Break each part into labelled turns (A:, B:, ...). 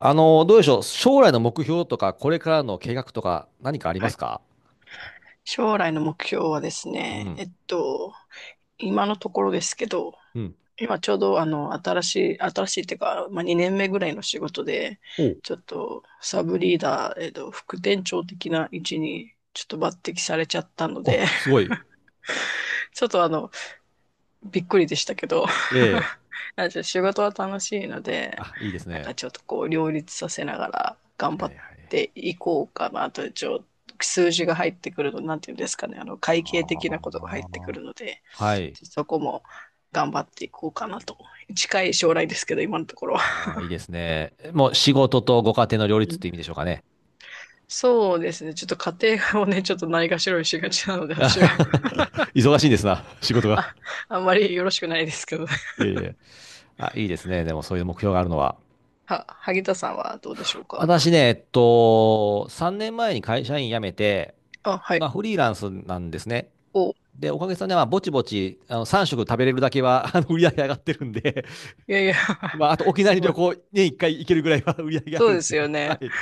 A: どうでしょう。将来の目標とか、これからの計画とか、何かありま
B: は
A: す
B: い。
A: か？
B: 将来の目標はです
A: う
B: ね、
A: ん。
B: 今のところですけど、
A: うん。
B: 今ちょうど新しいっていうか、まあ、2年目ぐらいの仕事で、
A: お
B: ちょっとサブリーダー、副店長的な位置にちょっと抜擢されちゃったの
A: お、
B: で、
A: すご い。
B: ちょっとびっくりでしたけど。
A: ええ。
B: じゃあ仕事は楽しいので、
A: あ、いいです
B: なんか
A: ね。
B: ちょっとこう両立させながら頑
A: は
B: 張っ
A: いはい。
B: ていこうかなと、数字が入ってくると、なんていうんですかね、
A: あ
B: 会計的なことが入ってくる
A: あ、
B: ので、
A: はい。
B: ちょっとそこも頑張っていこうかなと。近い将来ですけど、今のところは。
A: ああ、いいですね。もう仕事とご家庭の両
B: う
A: 立っ
B: ん。
A: て意味でしょうかね。
B: そうですね。ちょっと家庭をね、ちょっとないがしろにしがちなので、私は、
A: 忙しいんですな、仕事が。
B: あ、あんまりよろしくないですけどね。
A: いえいえ。あ、いいですね。でもそういう目標があるのは。
B: 萩田さんはどうでしょうか？
A: 私ね、3年前に会社員辞めて、
B: あ、はい。
A: 今フリーランスなんですね。
B: お、
A: で、おかげさまで、まあ、ぼちぼち、3食食べれるだけは、売り上げ上がってるんで、
B: いやいや。
A: ま あ、あと沖縄
B: す
A: に
B: ご
A: 旅
B: い。
A: 行、年1回行けるぐらいは 売り上げあ
B: そ
A: る
B: う
A: んで、
B: ですよ
A: は
B: ね。
A: い。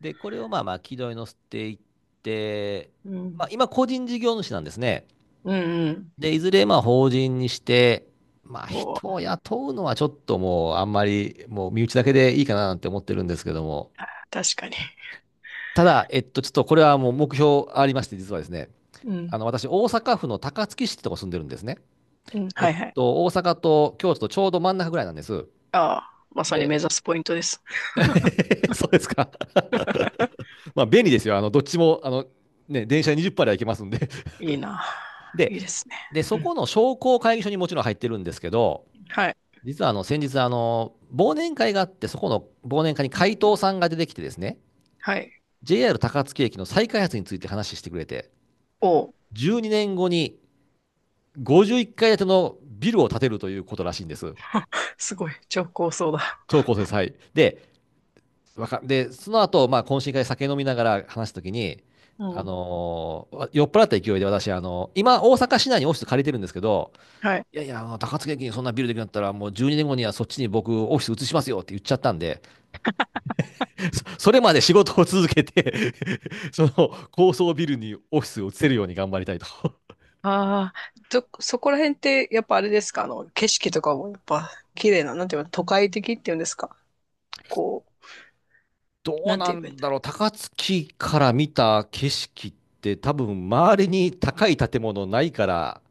A: で、これをまあまあ、軌道に乗せていって、
B: う
A: まあ、
B: ん。
A: 今、個人事業主なんですね。
B: うんうん。
A: で、いずれ、まあ、法人にして、まあ、
B: お
A: 人を
B: ー、
A: 雇うのはちょっともう、あんまり、もう、身内だけでいいかななんて思ってるんですけども、
B: 確かに。
A: ただ、ちょっとこれはもう目標ありまして、実はですね、
B: うん。
A: 私、大阪府の高槻市ってとこ住んでるんですね。
B: うん。はいはい。
A: 大阪と京都とちょうど真ん中ぐらいなんです。
B: ああ、まさに
A: で、
B: 目指すポイントです。
A: そうですか。まあ、便利ですよ。どっちも、ね、電車で20分では行けますんで。
B: いいな。
A: で、
B: いいですね。う
A: そこ
B: ん。
A: の商工会議所にもちろん入ってるんですけど、
B: はい。
A: 実は先日、忘年会があって、そこの忘年会に
B: うん
A: 会
B: う
A: 頭
B: ん。
A: さんが出てきてですね、
B: はい。
A: JR 高槻駅の再開発について話してくれて、
B: おお、
A: 12年後に51階建てのビルを建てるということらしいんです。
B: すごい。超高層だ。
A: 超高層債。で、わかで、その後、まあ、懇親会で酒飲みながら話すときに、
B: うん。
A: 酔っ払った勢いで私、今、大阪市内にオフィス借りてるんですけど、
B: はい。
A: いやいや、あの高槻駅にそんなビルできなかったら、もう12年後にねんごにはそっちに僕、オフィス移しますよって言っちゃったんで、それまで仕事を続けて その高層ビルにオフィスを移せるように頑張りたいと。
B: ああ、そこら辺って、やっぱあれですか、景色とかもやっぱ綺麗な、なんていうの、都会的っていうんですか？こう、
A: どう
B: なん
A: な
B: て言えばいいん
A: ん
B: だ。
A: だろう、高槻から見た景色って、多分周りに高い建物ないから、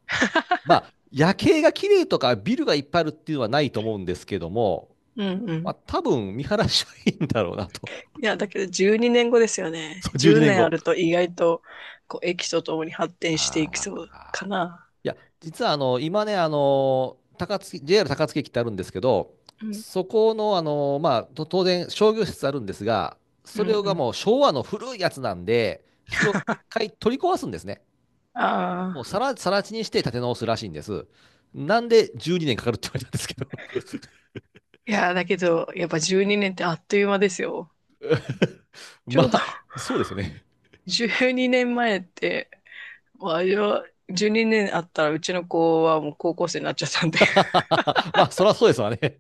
A: まあ、夜景が綺麗とかビルがいっぱいあるっていうのはないと思うんですけども、
B: う
A: まあ、
B: ん。
A: 多分見晴らしはいいんだろうなと。
B: いや、だけど12年後ですよ ね。
A: そう、12
B: 10
A: 年
B: 年あ
A: 後。
B: ると意外と、こう、駅とともに発展していき
A: あ
B: そう
A: あ、
B: かな。
A: いや、実は今ね、JR 高槻駅ってあるんですけど、
B: うん、
A: そこの、まあ、と当然商業施設あるんですが、
B: う
A: そ
B: ん、う
A: れが
B: ん。
A: もう昭和の古いやつなんで、それを一回取り壊すんですね。もう
B: ああ。
A: さら地にして建て直すらしいんです。なんで12年かかるって言われたんですけど。
B: いや、だけど、やっぱ12年ってあっという間ですよ。ち
A: ま
B: ょうど。
A: あ、そうですよね。
B: 12年前って、もうあれは、12年あったらうちの子はもう高校生になっちゃったんで。
A: まあ、そりゃそうですわね。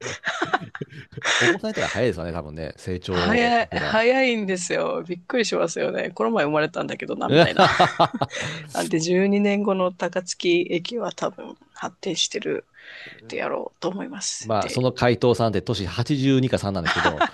A: お子さんいたら早いですわね、多分ね。成長
B: 早い、
A: 見たら。
B: 早いんですよ。びっくりしますよね。この前生まれたんだけどな、みたいな。なんで12年後の高槻駅は多分発展してるでやろうと思います。
A: まあ、そ
B: で、
A: の回答さんって年82か3なんですけど、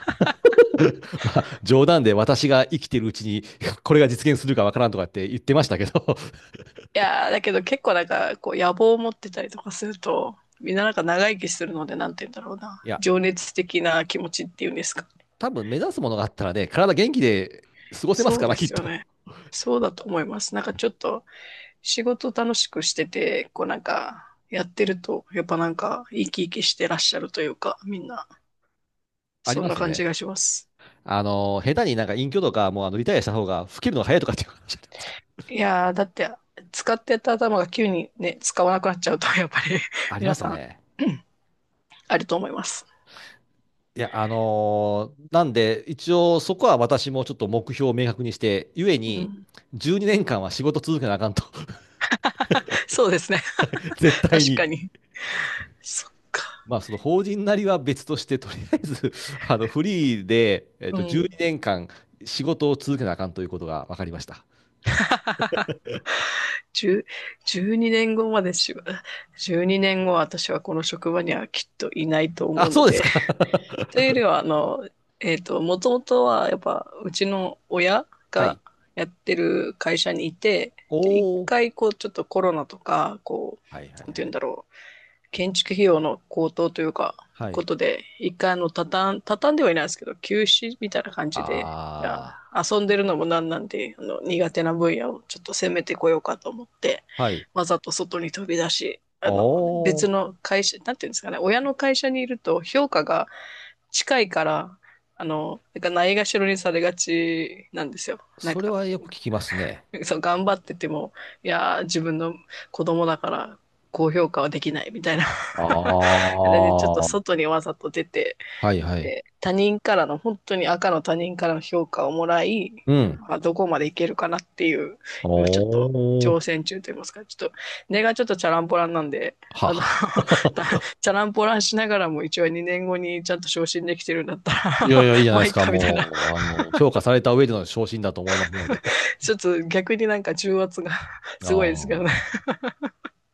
A: まあ、冗談で私が生きてるうちに、これが実現するかわからんとかって言ってましたけど、
B: いやーだけど結構なんか、こう、野望を持ってたりとかすると、みんななんか長生きするので、なんて言うんだろうな。
A: いや、
B: 情熱的な気持ちっていうんですか。
A: 多分目指すものがあったらね、体元気で過ごせます
B: そ
A: か
B: う
A: ら、
B: で
A: きっ
B: すよ
A: と。
B: ね。そうだと思います。なんかちょっと、仕事楽しくしてて、こうなんか、やってると、やっぱなんか、生き生きしてらっしゃるというか、みんな、
A: あり
B: そん
A: ま
B: な
A: すよ
B: 感
A: ね。
B: じがします。
A: 下手になんか隠居とか、もうあのリタイアした方が老けるのが早いとかっていう話じゃないですか。
B: いやーだって、使ってた頭が急にね、使わなくなっちゃうと、やっぱり。
A: ありま
B: 皆
A: す
B: さ
A: よ
B: ん、
A: ね。
B: あると思います。
A: いや、なんで、一応そこは私もちょっと目標を明確にして、ゆえ
B: う
A: に、
B: ん、
A: 12年間は仕事続けなあかんと、
B: そうですね。
A: 絶対
B: 確か
A: に。
B: に。そっか。
A: まあ、その法人なりは別として、とりあえず、フリーで、
B: う
A: 12
B: ん。
A: 年間仕事を続けなあかんということが分かりました。
B: 10 12年後までしば、12年後私はこの職場にはきっといないと思
A: あ、
B: うの
A: そうです
B: で、
A: か。
B: というよりは、もともとは、やっぱ、うちの親
A: は
B: が
A: い。
B: やってる会社にいて、で、一
A: おー。
B: 回、こう、ちょっとコロナとか、こう、
A: はいはい
B: なんて
A: は
B: 言うん
A: い。
B: だろう、建築費用の高騰というか、
A: は
B: こ
A: い。
B: とで、一回、畳んではいないですけど、休止みたいな感じで、じゃ
A: あ
B: あ、遊んでるのもなんなんで、苦手な分野をちょっと攻めてこようかと思って、
A: あ。はい。
B: わざと外に飛び出し、
A: お
B: 別
A: ー。
B: の会社、なんていうんですかね、親の会社にいると評価が近いから、なんかないがしろにされがちなんですよ。なん
A: それ
B: か、
A: はよく聞きますね。
B: そう、頑張ってても、いやー、自分の子供だから、高評価はできないみたいな。
A: あ
B: なんで、ちょっと
A: あ。
B: 外にわざと出て、
A: はいはい。
B: で、他人からの、本当に赤の他人からの評価をもらい、
A: うん。
B: まあ、どこまでいけるかなっていう、
A: お
B: 今ちょっと
A: ー。
B: 挑戦中と言いますか、ちょっと、根がちょっとチャランポランなんで、あの、
A: は。
B: チャランポランしながらも一応2年後にちゃんと昇進できてるんだった
A: いやい
B: ら、
A: や、いい じゃな
B: ま
A: いで
B: あい
A: す
B: い
A: か。
B: かみたいな、
A: もう、評価された上での昇進だと思いますので。
B: ちょっと逆になんか重圧が すごいですけどね。
A: あ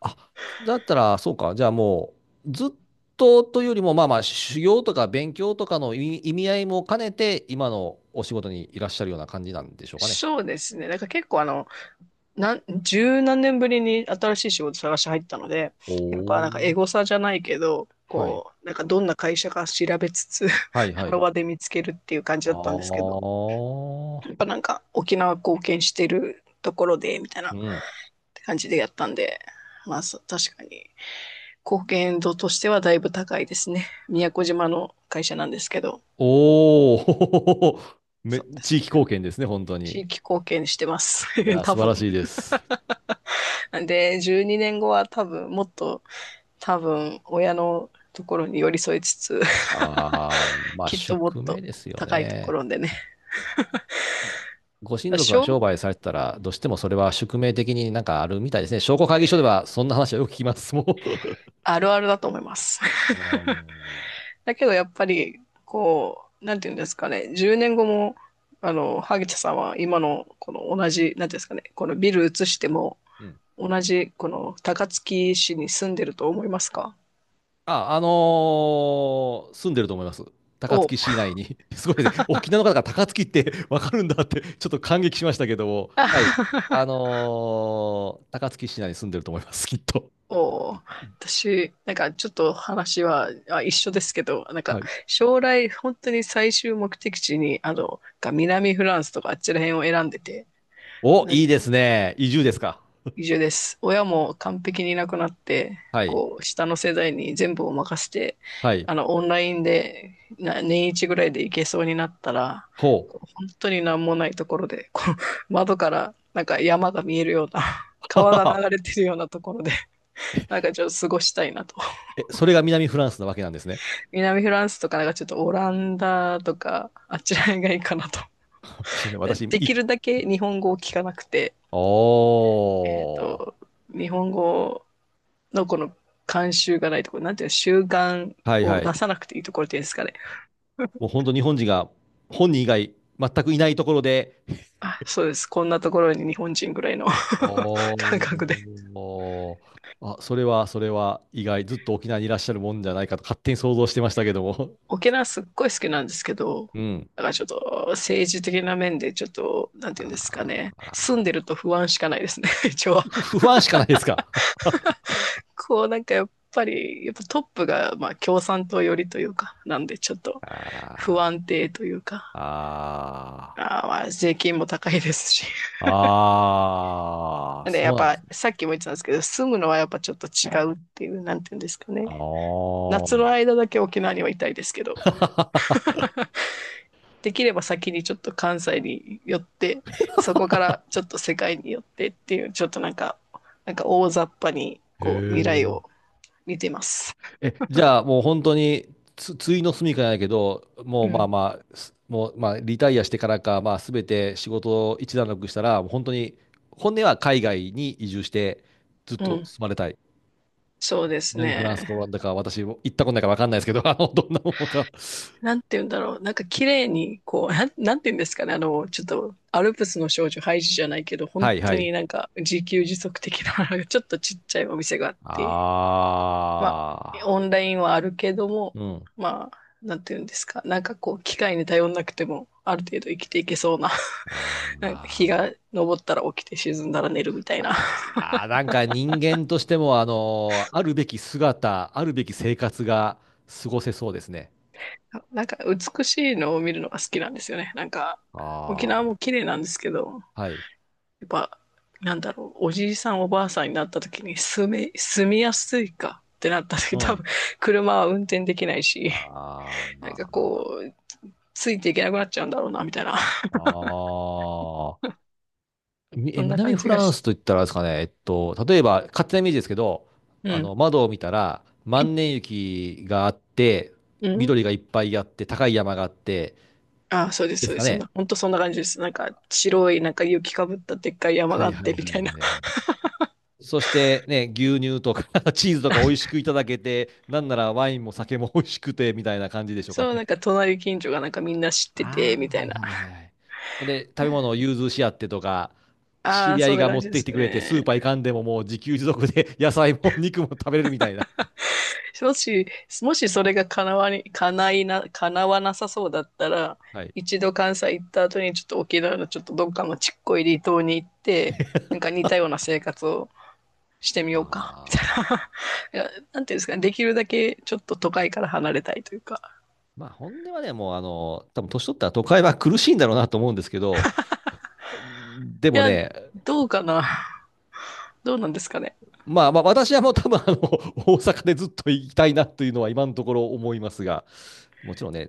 A: あ。あ、だったら、そうか。じゃあもう、ずっとというよりも、まあまあ、修行とか勉強とかの意味合いも兼ねて、今のお仕事にいらっしゃるような感じなんでしょうかね。
B: そうですね。なんか結構十何年ぶりに新しい仕事探し入ったので、やっぱ
A: お
B: なんかエ
A: ー。
B: ゴサじゃないけど、
A: はい。
B: こう、なんかどんな会社か調べつつ、
A: はい は
B: ハロ
A: い。
B: ワで見つけるっていう感じ
A: あ
B: だったんですけど、や
A: あ。
B: っぱなんか沖縄貢献してるところで、みたい
A: う
B: な
A: ん。
B: 感じでやったんで、まあ、確かに貢献度としてはだいぶ高いですね。宮古島の会社なんですけど、
A: おお。
B: そうで
A: 地
B: す
A: 域
B: ね。
A: 貢献ですね、本当
B: 地
A: に。
B: 域貢献してます。
A: い や、
B: 多
A: 素晴ら
B: 分。
A: しいです。
B: なんで、12年後は多分もっと多分親のところに寄り添いつつ、
A: ああ、まあ
B: きっともっ
A: 宿命
B: と
A: ですよ
B: 高いとこ
A: ね。
B: ろでね。
A: ご親族が
B: 小
A: 商売されてたら、どうしてもそれは宿命的になんかあるみたいですね。商工会議所ではそんな話はよく聞きます、もう。
B: あるあるだと思います。
A: あー
B: だけどやっぱりこう、なんていうんですかね、10年後も萩田さんは今のこの同じ、なんていうんですかね、このビル移しても
A: うん。
B: 同じこの高槻市に住んでると思いますか？
A: あ、あの住んでると思います。高
B: おう。
A: 槻市内に。すごいですね。沖縄の方が高槻ってわかるんだって、ちょっと感激しましたけども。はい。あ の高槻市内に住んでると思います、きっと。
B: おー、私、なんかちょっと話は、あ、一緒ですけど、なん
A: は
B: か
A: い。
B: 将来本当に最終目的地に、南フランスとかあっちら辺を選んでて、
A: お、
B: なん
A: いい
B: て、
A: ですね。移住ですか。
B: 移住です。親も完璧にいなくなって、
A: はい。
B: こう、下の世代に全部を任せて、
A: はい。
B: オンラインで、年一ぐらいで行けそうになったら、
A: ほ
B: こう本当になんもないところで、こう、窓からなんか山が見えるような、
A: う。
B: 川が流 れてるようなところで、なんかちょっと過ごしたいなと。
A: え、それが南フランスなわけなんですね。
B: 南フランスとかなんかちょっとオランダとか、あっちらへんがいいかなと。
A: そうね、
B: できるだけ日本語を聞かなくて、
A: お
B: えっ
A: ー。
B: と、日本語のこの慣習がないところ、なんていうの、習慣
A: はい
B: を
A: はい。
B: 出さなくていいところっていうんですかね。
A: もう 本当日本人が本人以外全くいないところで、
B: あ、そうです。こんなところに日本人ぐらいの 感覚で。
A: おー。あ、それは意外、ずっと沖縄にいらっしゃるもんじゃないかと勝手に想像してましたけども。
B: 沖縄すっごい好きなんですけど、
A: うん。
B: だからちょっと政治的な面でちょっと、なんていうんですかね。住んで
A: あ
B: ると不安しかないですね、一応。
A: 不安しかないですか。
B: なんかやっぱり、やっぱトップがまあ共産党寄りというか、なんでちょっと
A: あ
B: 不安定という
A: ー
B: か、
A: あ
B: まあ税金も高いですし。
A: ー。ああ、
B: で、や
A: そ
B: っ
A: うなんで
B: ぱ
A: すね。
B: さっきも言ってたんですけど、住むのはやっぱちょっと違うっていう、なんていうんですか
A: あ
B: ね。夏の
A: あ。
B: 間だけ沖縄にはいたいですけど、できれば先にちょっと関西に寄って、そこからちょっと世界に寄ってっていう、ちょっとなんか、なんか大雑把に
A: へ
B: こう未来
A: え。
B: を見てます。
A: え、じゃあもう本当についの住みかじゃないけど、もう
B: う
A: ま
B: ん。
A: あまあ、もうまあリタイアしてからか、まあ全て仕事を一段落したら、もう本当に、本音は海外に移住して、ずっ
B: う
A: と
B: ん。
A: 住まれたい。
B: そうです
A: 南フランスか
B: ね。
A: オランダか、私も行ったことないから分かんないですけど、どんなものか。
B: なんて言うんだろう。なんか綺麗に、こう、なんて言うんですかね。ちょっと、アルプスの少女ハイジじゃないけど、本
A: はい
B: 当
A: はい。
B: になんか自給自足的な、ちょっとちっちゃいお店があっ
A: あ
B: て、まあ、
A: あ。
B: オンラインはあるけども、
A: うん。
B: まあ、なんて言うんですか。なんかこう、機械に頼んなくても、ある程度生きていけそうな、
A: あ
B: なんか日が
A: ー
B: 昇ったら起きて沈んだら寝るみたいな。
A: あー。なんか人間としても、あるべき姿、あるべき生活が過ごせそうですね。
B: なんか美しいのを見るのが好きなんですよね。なんか、沖縄
A: あ
B: も綺麗なんですけど、
A: あ、はい。
B: やっぱ、なんだろう、おじいさんおばあさんになった時に住みやすいかってなった
A: う
B: 時多
A: ん。
B: 分車は運転できないし、
A: あ
B: なんか
A: あ、
B: こう、ついていけなくなっちゃうんだろうな、みたいな。
A: ああ、
B: そんな
A: 南
B: 感
A: フ
B: じが
A: ラン
B: して。
A: スといったらあれですかね、例えば、勝手なイメージですけど、
B: うん。
A: 窓を見たら、万年雪があって、
B: うん。
A: 緑がいっぱいあって、高い山があって、
B: あ、そうです、
A: で
B: そう
A: す
B: で
A: か
B: す。そん
A: ね。
B: な、本当そんな感じです。なんか、白い、なんか雪かぶったでっかい山
A: は
B: があ
A: い
B: っ
A: は
B: て、
A: い
B: み
A: はい
B: たい
A: は
B: な。
A: いはい。そしてね、牛乳とか チーズとか美味 しくいただけて、なんならワインも酒も美味しくて、みたいな感じでしょうか
B: そう、
A: ね。
B: なんか隣近所がなんかみんな知ってて、
A: あ
B: み
A: あ、
B: た
A: は
B: い
A: い
B: な。
A: はいはいはい。ほんで、食べ物を融通し合ってとか、知
B: ああ、
A: り合
B: そ
A: い
B: んな
A: が持
B: 感
A: っ
B: じで
A: てき
B: す
A: てくれて、スー
B: ね。
A: パー行かんでももう自給自足で 野菜も肉も食べれるみたいな。
B: もし、もしそれが叶わなさそうだったら、
A: はい。
B: 一度関西行った後にちょっと沖縄のちょっとどっかのちっこい離島に行って、なんか似たような生活をしてみようか、みた
A: ああ。
B: いな。いや、なんていうんですかね、できるだけちょっと都会から離れたいというか。
A: まあ、本音はね、もう、多分年取ったら都会は苦しいんだろうなと思うんですけど、で
B: い
A: も
B: や、
A: ね、
B: どうかな。どうなんですかね。
A: まあまあ、私はもう多分、大阪でずっと行きたいなというのは今のところ思いますが、もちろんね、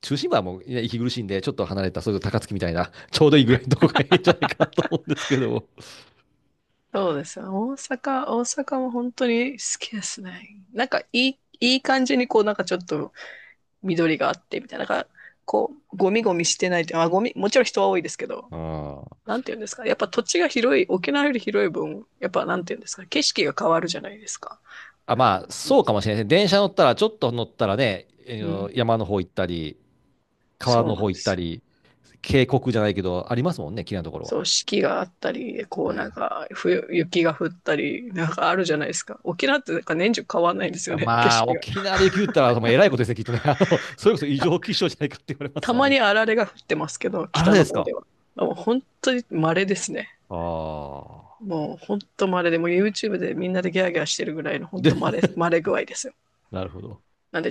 A: 中心部はもう、ね、息苦しいんで、ちょっと離れた、それこそ高槻みたいな、ちょうどいいぐらいのとこがいいんじゃないかなと 思うんですけども。
B: そうですよ。大阪も本当に好きですね。なんかいい感じにこうなんかちょっと緑があってみたいな、なんかこう、ゴミゴミしてないって、ゴミ、もちろん人は多いですけど、
A: うん
B: なんていうんですか、やっぱ土地が広い、沖縄より広い分、やっぱなんていうんですか、景色が変わるじゃないですか。
A: あ、まあ、
B: うん、
A: そうかもしれないですね。電車乗ったら、ちょっと乗ったらね、
B: うん。
A: 山の方行ったり、川
B: そう
A: の
B: なんで
A: 方行っ
B: す
A: た
B: よ。
A: り、渓谷じゃないけど、ありますもんね、綺麗なところは。
B: そう、四季があったり、こう
A: はい
B: なん
A: はい。
B: か、冬、雪が降ったり、なんかあるじゃないですか。沖縄ってなんか年中変わんないんですよ
A: あ
B: ね、景
A: まあ、
B: 色が。
A: 沖縄で雪降ったら、もうえらいことですね、きっとね。それこそ異
B: た、
A: 常気象じゃないかって言われま
B: た
A: すわ
B: ま
A: ね。
B: にあられが降ってますけど、
A: あ
B: 北
A: れで
B: の
A: す
B: 方
A: か？
B: では。もう本当に稀ですね。
A: ああ。
B: もう、ほんと稀で、もう YouTube でみんなでギャーギャーしてるぐらいの、ほん
A: で、
B: と稀、稀具合ですよ。
A: なるほど。
B: なんで